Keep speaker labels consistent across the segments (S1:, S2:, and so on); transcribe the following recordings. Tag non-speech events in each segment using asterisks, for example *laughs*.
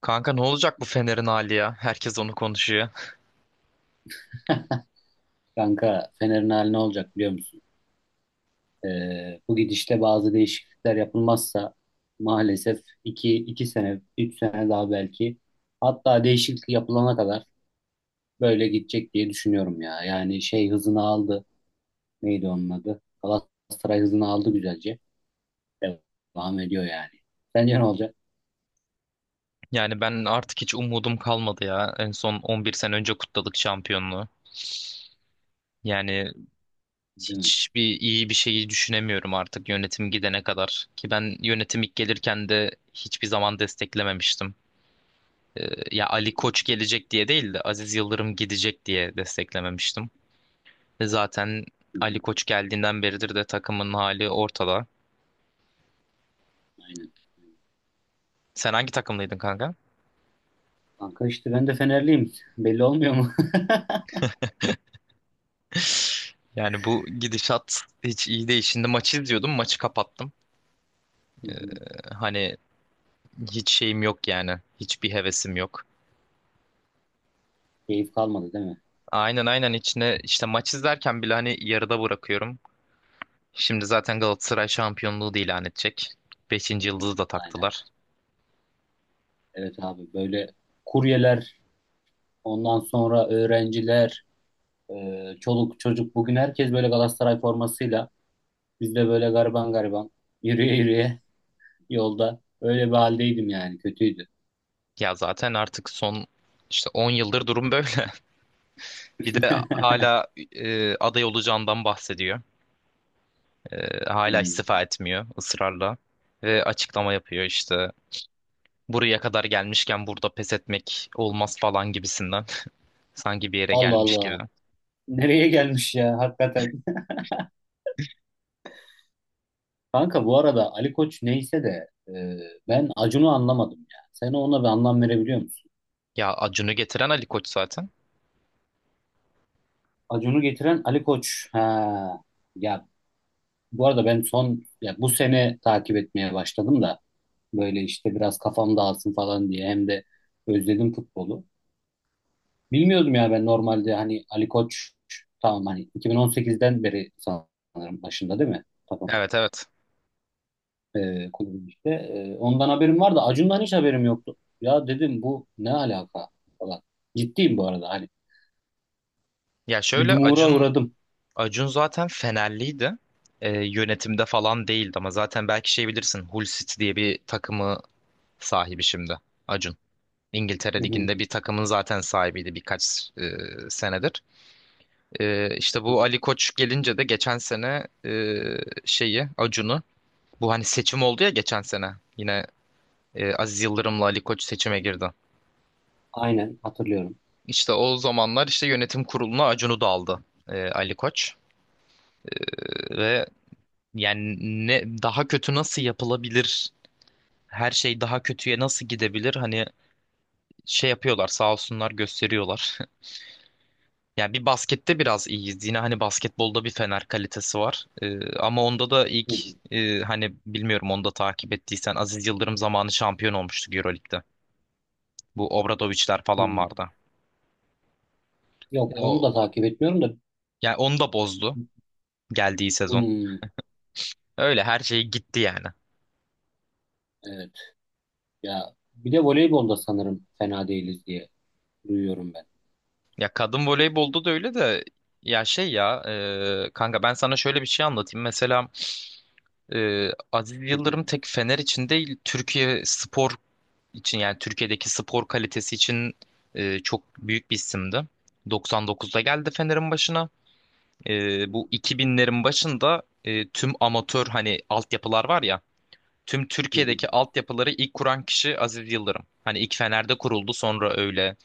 S1: Kanka ne olacak bu Fener'in hali ya? Herkes onu konuşuyor.
S2: *laughs* Kanka Fener'in hali ne olacak biliyor musun? Bu gidişte bazı değişiklikler yapılmazsa maalesef iki sene 3 sene daha belki hatta değişiklik yapılana kadar böyle gidecek diye düşünüyorum ya. Yani şey hızını aldı. Neydi onun adı? Galatasaray hızını aldı güzelce. Devam ediyor yani. Sence ne olacak?
S1: Yani ben artık hiç umudum kalmadı ya. En son 11 sene önce kutladık şampiyonluğu. Yani
S2: Değil mi?
S1: hiçbir iyi bir şeyi düşünemiyorum artık yönetim gidene kadar. Ki ben yönetim ilk gelirken de hiçbir zaman desteklememiştim. Ya
S2: Hı
S1: Ali
S2: hı,
S1: Koç gelecek diye değil de Aziz Yıldırım gidecek diye desteklememiştim. Ve zaten
S2: hı
S1: Ali
S2: hı.
S1: Koç geldiğinden beridir de takımın hali ortada.
S2: Aynen. Aynen.
S1: Sen hangi takımlıydın kanka?
S2: Kanka işte ben de Fenerliyim. Belli olmuyor mu? *laughs*
S1: *laughs* Yani bu gidişat hiç iyi değil. Şimdi maçı izliyordum, maçı kapattım.
S2: Hı
S1: Ee,
S2: hı.
S1: hani hiç şeyim yok yani. Hiçbir hevesim yok.
S2: Keyif kalmadı değil mi?
S1: Aynen aynen, içine işte maç izlerken bile hani yarıda bırakıyorum. Şimdi zaten Galatasaray şampiyonluğu da ilan edecek. Beşinci yıldızı da
S2: Aynen.
S1: taktılar.
S2: Evet abi böyle kuryeler, ondan sonra öğrenciler, çoluk çocuk bugün herkes böyle Galatasaray formasıyla biz de böyle gariban gariban yürüye yürüye yolda öyle bir haldeydim yani kötüydü.
S1: Ya zaten artık son işte 10 yıldır durum böyle. *laughs* Bir de
S2: *laughs*
S1: hala aday olacağından bahsediyor. Hala
S2: Hmm.
S1: istifa etmiyor ısrarla. Ve açıklama yapıyor işte. Buraya kadar gelmişken burada pes etmek olmaz falan gibisinden. *laughs* Sanki bir yere
S2: Allah
S1: gelmiş
S2: Allah
S1: gibi.
S2: nereye gelmiş ya hakikaten. *laughs* Kanka bu arada Ali Koç neyse de ben Acun'u anlamadım ya. Sen ona bir anlam verebiliyor musun?
S1: Ya Acun'u getiren Ali Koç zaten.
S2: Acun'u getiren Ali Koç. Ha. Ya bu arada ben son ya bu sene takip etmeye başladım da böyle işte biraz kafam dağılsın falan diye hem de özledim futbolu. Bilmiyordum ya ben normalde hani Ali Koç tamam hani 2018'den beri sanırım başında değil mi? Tamam.
S1: Evet, evet.
S2: Kulübün işte. Ondan haberim vardı. Acun'dan hiç haberim yoktu. Ya dedim bu ne alaka falan. Ciddiyim bu arada hani.
S1: Ya
S2: Bir
S1: şöyle,
S2: dumura
S1: Acun
S2: uğradım.
S1: Acun zaten Fenerliydi. Yönetimde falan değildi ama zaten belki şey bilirsin, Hull City diye bir takımı sahibi şimdi Acun. İngiltere
S2: Hı hı.
S1: Ligi'nde bir takımın zaten sahibiydi birkaç senedir. E, işte
S2: Hı hı.
S1: bu Ali Koç gelince de geçen sene şeyi, Acun'u, bu hani seçim oldu ya geçen sene yine. Aziz Yıldırım'la Ali Koç seçime girdi.
S2: Aynen hatırlıyorum.
S1: İşte o zamanlar işte yönetim kuruluna Acun'u da aldı Ali Koç. Ve yani ne daha kötü nasıl yapılabilir? Her şey daha kötüye nasıl gidebilir? Hani şey yapıyorlar sağ olsunlar, gösteriyorlar. *laughs* Yani bir baskette biraz iyiyiz. Yine hani basketbolda bir Fener kalitesi var. Ama onda da
S2: Hı
S1: ilk
S2: hı.
S1: hani bilmiyorum, onu da takip ettiysen Aziz Yıldırım zamanı şampiyon olmuştu Euroleague'de. Bu Obradoviçler falan
S2: Hı.
S1: vardı. E,
S2: Yok
S1: O,
S2: onu da takip etmiyorum da
S1: yani onu da bozdu geldiği sezon.
S2: hmm,
S1: Öyle her şey gitti yani.
S2: evet ya bir de voleybolda sanırım fena değiliz diye duyuyorum.
S1: Ya kadın voleybolda da öyle de, ya şey ya kanka ben sana şöyle bir şey anlatayım. Mesela Aziz
S2: Hı hı,
S1: Yıldırım tek Fener için değil, Türkiye spor için, yani Türkiye'deki spor kalitesi için çok büyük bir isimdi. 99'da geldi Fener'in başına. E, bu 2000'lerin başında tüm amatör, hani altyapılar var ya, tüm
S2: hı hı,
S1: Türkiye'deki altyapıları ilk kuran kişi Aziz Yıldırım. Hani ilk Fener'de kuruldu, sonra öyle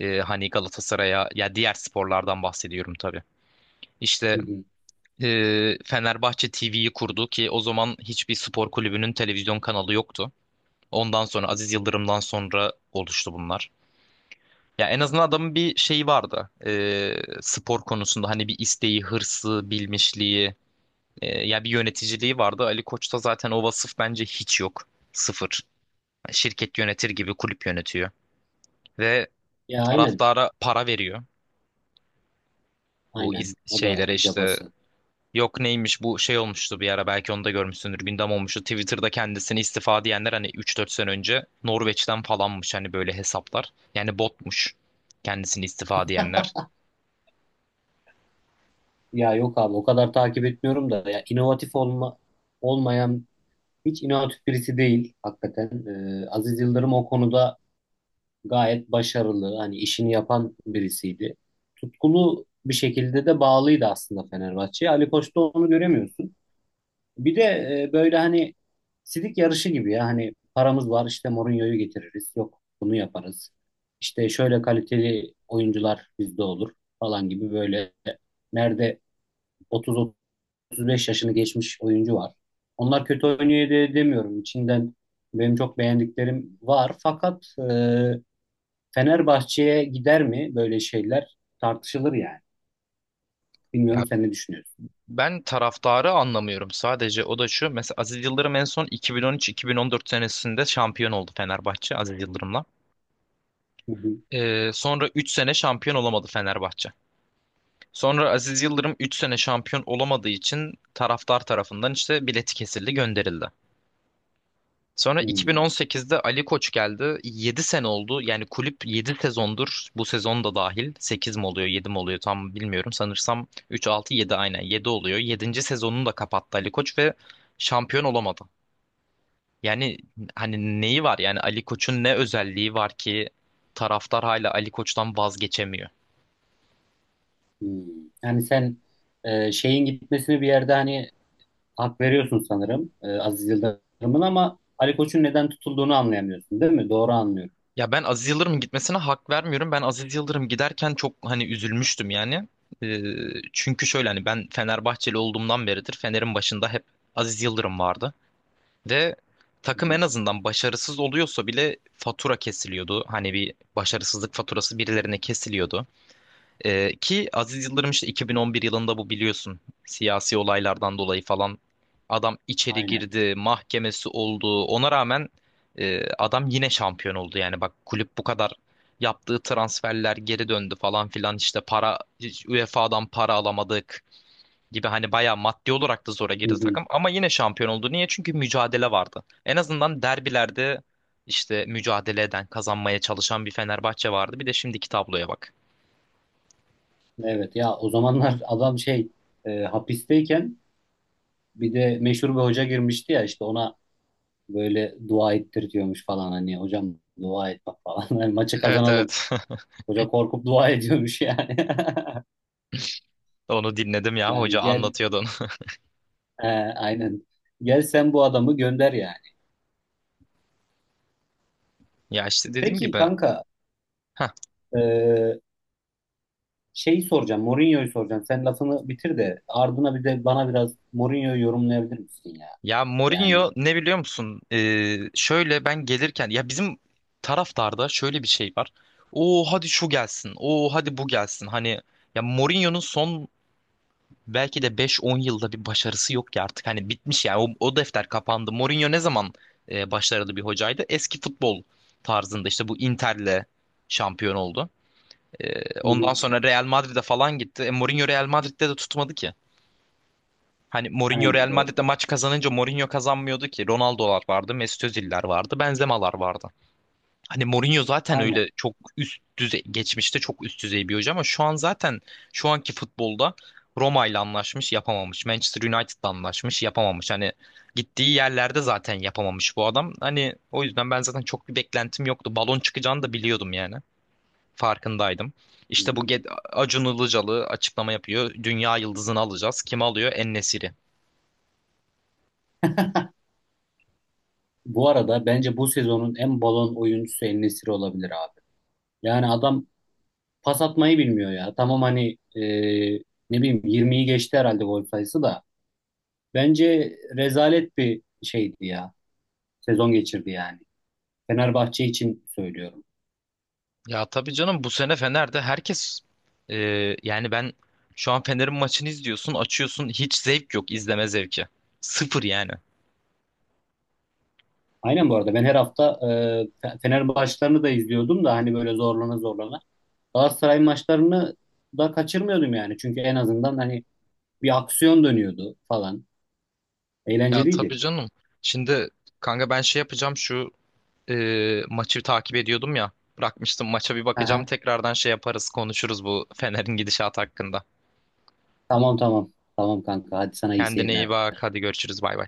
S1: hani Galatasaray'a, ya diğer sporlardan bahsediyorum tabii. İşte
S2: hı
S1: Fenerbahçe TV'yi kurdu ki o zaman hiçbir spor kulübünün televizyon kanalı yoktu. Ondan sonra, Aziz
S2: hı.
S1: Yıldırım'dan sonra oluştu bunlar. Ya en azından adamın bir şeyi vardı. Spor konusunda hani bir isteği, hırsı, bilmişliği, ya bir yöneticiliği vardı. Ali Koç'ta zaten o vasıf bence hiç yok. Sıfır. Şirket yönetir gibi kulüp yönetiyor ve
S2: Ya aynen,
S1: taraftara para veriyor, bu
S2: aynen. O da
S1: şeylere işte,
S2: cabası.
S1: yok neymiş, bu şey olmuştu bir ara, belki onu da görmüşsündür, gündem olmuştu Twitter'da, kendisini istifa diyenler hani üç dört sene önce Norveç'ten falanmış, hani böyle hesaplar, yani botmuş kendisini istifa diyenler.
S2: Ya yok abi o kadar takip etmiyorum da ya inovatif olmayan hiç inovatif birisi değil hakikaten. Aziz Yıldırım o konuda gayet başarılı. Hani işini yapan birisiydi. Tutkulu bir şekilde de bağlıydı aslında Fenerbahçe'ye. Ali Koç'ta onu göremiyorsun. Bir de böyle hani sidik yarışı gibi ya hani paramız var işte Mourinho'yu getiririz yok bunu yaparız. İşte şöyle kaliteli oyuncular bizde olur falan gibi böyle nerede 30-35 yaşını geçmiş oyuncu var. Onlar kötü oynuyor diye demiyorum. İçinden benim çok beğendiklerim var. Fakat Fenerbahçe'ye gider mi böyle şeyler tartışılır yani.
S1: Ya
S2: Bilmiyorum sen ne düşünüyorsun?
S1: ben taraftarı anlamıyorum, sadece o da şu: mesela Aziz Yıldırım en son 2013-2014 senesinde şampiyon oldu Fenerbahçe, Aziz Yıldırım'la.
S2: Hı hı.
S1: Sonra 3 sene şampiyon olamadı Fenerbahçe. Sonra Aziz Yıldırım 3 sene şampiyon olamadığı için taraftar tarafından işte bileti kesildi, gönderildi. Sonra
S2: Hmm.
S1: 2018'de Ali Koç geldi. 7 sene oldu. Yani kulüp 7 sezondur, bu sezon da dahil. 8 mi oluyor, 7 mi oluyor tam bilmiyorum. Sanırsam üç, altı, yedi, aynen, yedi oluyor. Yedinci sezonunu da kapattı Ali Koç ve şampiyon olamadı. Yani hani neyi var? Yani Ali Koç'un ne özelliği var ki taraftar hala Ali Koç'tan vazgeçemiyor?
S2: Hmm. Yani sen şeyin gitmesini bir yerde hani hak veriyorsun sanırım, Aziz Yıldırım'ın ama Ali Koç'un neden tutulduğunu anlayamıyorsun değil mi? Doğru anlıyorum.
S1: Ya ben Aziz Yıldırım'ın gitmesine hak vermiyorum. Ben Aziz Yıldırım giderken çok hani üzülmüştüm yani. Ee, çünkü şöyle, hani ben Fenerbahçeli olduğumdan beridir Fener'in başında hep Aziz Yıldırım vardı. Ve
S2: Hı
S1: takım
S2: hı.
S1: en azından başarısız oluyorsa bile fatura kesiliyordu. Hani bir başarısızlık faturası birilerine kesiliyordu. Ki Aziz Yıldırım işte
S2: Hı hı.
S1: 2011 yılında, bu biliyorsun siyasi olaylardan dolayı falan, adam içeri
S2: Aynen.
S1: girdi, mahkemesi oldu. Ona rağmen adam yine şampiyon oldu. Yani bak, kulüp bu kadar, yaptığı transferler geri döndü falan filan, işte para, hiç UEFA'dan para alamadık gibi, hani bayağı maddi olarak da zora
S2: Hı
S1: girdi
S2: hı.
S1: takım, ama yine şampiyon oldu. Niye? Çünkü mücadele vardı. En azından derbilerde işte mücadele eden, kazanmaya çalışan bir Fenerbahçe vardı. Bir de şimdiki tabloya bak.
S2: Evet ya o zamanlar *laughs* adam şey hapisteyken bir de meşhur bir hoca girmişti ya işte ona böyle dua ettiriyormuş falan hani hocam dua et bak falan *laughs* hani maçı
S1: Evet, evet.
S2: kazanalım.
S1: *laughs*
S2: Hoca korkup dua ediyormuş yani. *laughs*
S1: Onu dinledim ya,
S2: Yani
S1: hoca
S2: gel
S1: anlatıyordu onu. *laughs*
S2: e, aynen gel sen bu adamı gönder yani.
S1: Ya işte dediğim
S2: Peki
S1: gibi
S2: kanka,
S1: heh.
S2: Ee, şeyi soracağım. Mourinho'yu soracağım. Sen lafını bitir de ardına bir de bana biraz Mourinho'yu yorumlayabilir misin ya?
S1: Ya
S2: Yani
S1: Mourinho ne biliyor musun? Şöyle ben gelirken, ya bizim taraftarda şöyle bir şey var: o hadi şu gelsin, o hadi bu gelsin. Hani ya Mourinho'nun son belki de 5-10 yılda bir başarısı yok ki artık. Hani bitmiş yani, o defter kapandı. Mourinho ne zaman başarılı bir hocaydı? Eski futbol tarzında işte bu Inter'le şampiyon oldu. Ee,
S2: hı
S1: ondan
S2: hı,
S1: sonra Real Madrid'e falan gitti. Mourinho Real Madrid'de de tutmadı ki. Hani Mourinho
S2: aynen
S1: Real
S2: doğru.
S1: Madrid'de maç kazanınca Mourinho kazanmıyordu ki. Ronaldo'lar vardı, Mesut Özil'ler vardı, Benzema'lar vardı. Hani Mourinho zaten
S2: Aynen.
S1: öyle çok üst düzey, geçmişte çok üst düzey bir hoca, ama şu an zaten, şu anki futbolda, Roma ile anlaşmış yapamamış, Manchester United'la anlaşmış yapamamış. Hani gittiği yerlerde zaten yapamamış bu adam. Hani o yüzden ben zaten çok bir beklentim yoktu. Balon çıkacağını da biliyordum yani. Farkındaydım. İşte bu
S2: Hmm.
S1: Acun Ilıcalı açıklama yapıyor: dünya yıldızını alacağız. Kim alıyor? En-Nesyri.
S2: Bu arada bence bu sezonun en balon oyuncusu en olabilir abi. Yani adam pas atmayı bilmiyor ya. Tamam hani ne bileyim 20'yi geçti herhalde gol sayısı da. Bence rezalet bir şeydi ya. Sezon geçirdi yani. Fenerbahçe için söylüyorum.
S1: Ya tabii canım, bu sene Fener'de herkes e, yani ben, şu an Fener'in maçını izliyorsun, açıyorsun, hiç zevk yok, izleme zevki. Sıfır yani.
S2: Aynen bu arada ben her hafta, Fe- Fener maçlarını da izliyordum da hani böyle zorlana zorlana. Galatasaray maçlarını da kaçırmıyordum yani. Çünkü en azından hani bir aksiyon dönüyordu falan.
S1: Ya
S2: Eğlenceliydi.
S1: tabii canım. Şimdi kanka ben şey yapacağım, şu e, maçı takip ediyordum ya. Bırakmıştım, maça bir bakacağım
S2: Aha,
S1: tekrardan, şey yaparız, konuşuruz bu Fener'in gidişatı hakkında.
S2: tamam tamam. Tamam kanka hadi sana iyi
S1: Kendine iyi
S2: seyirler.
S1: bak, hadi görüşürüz, bay bay.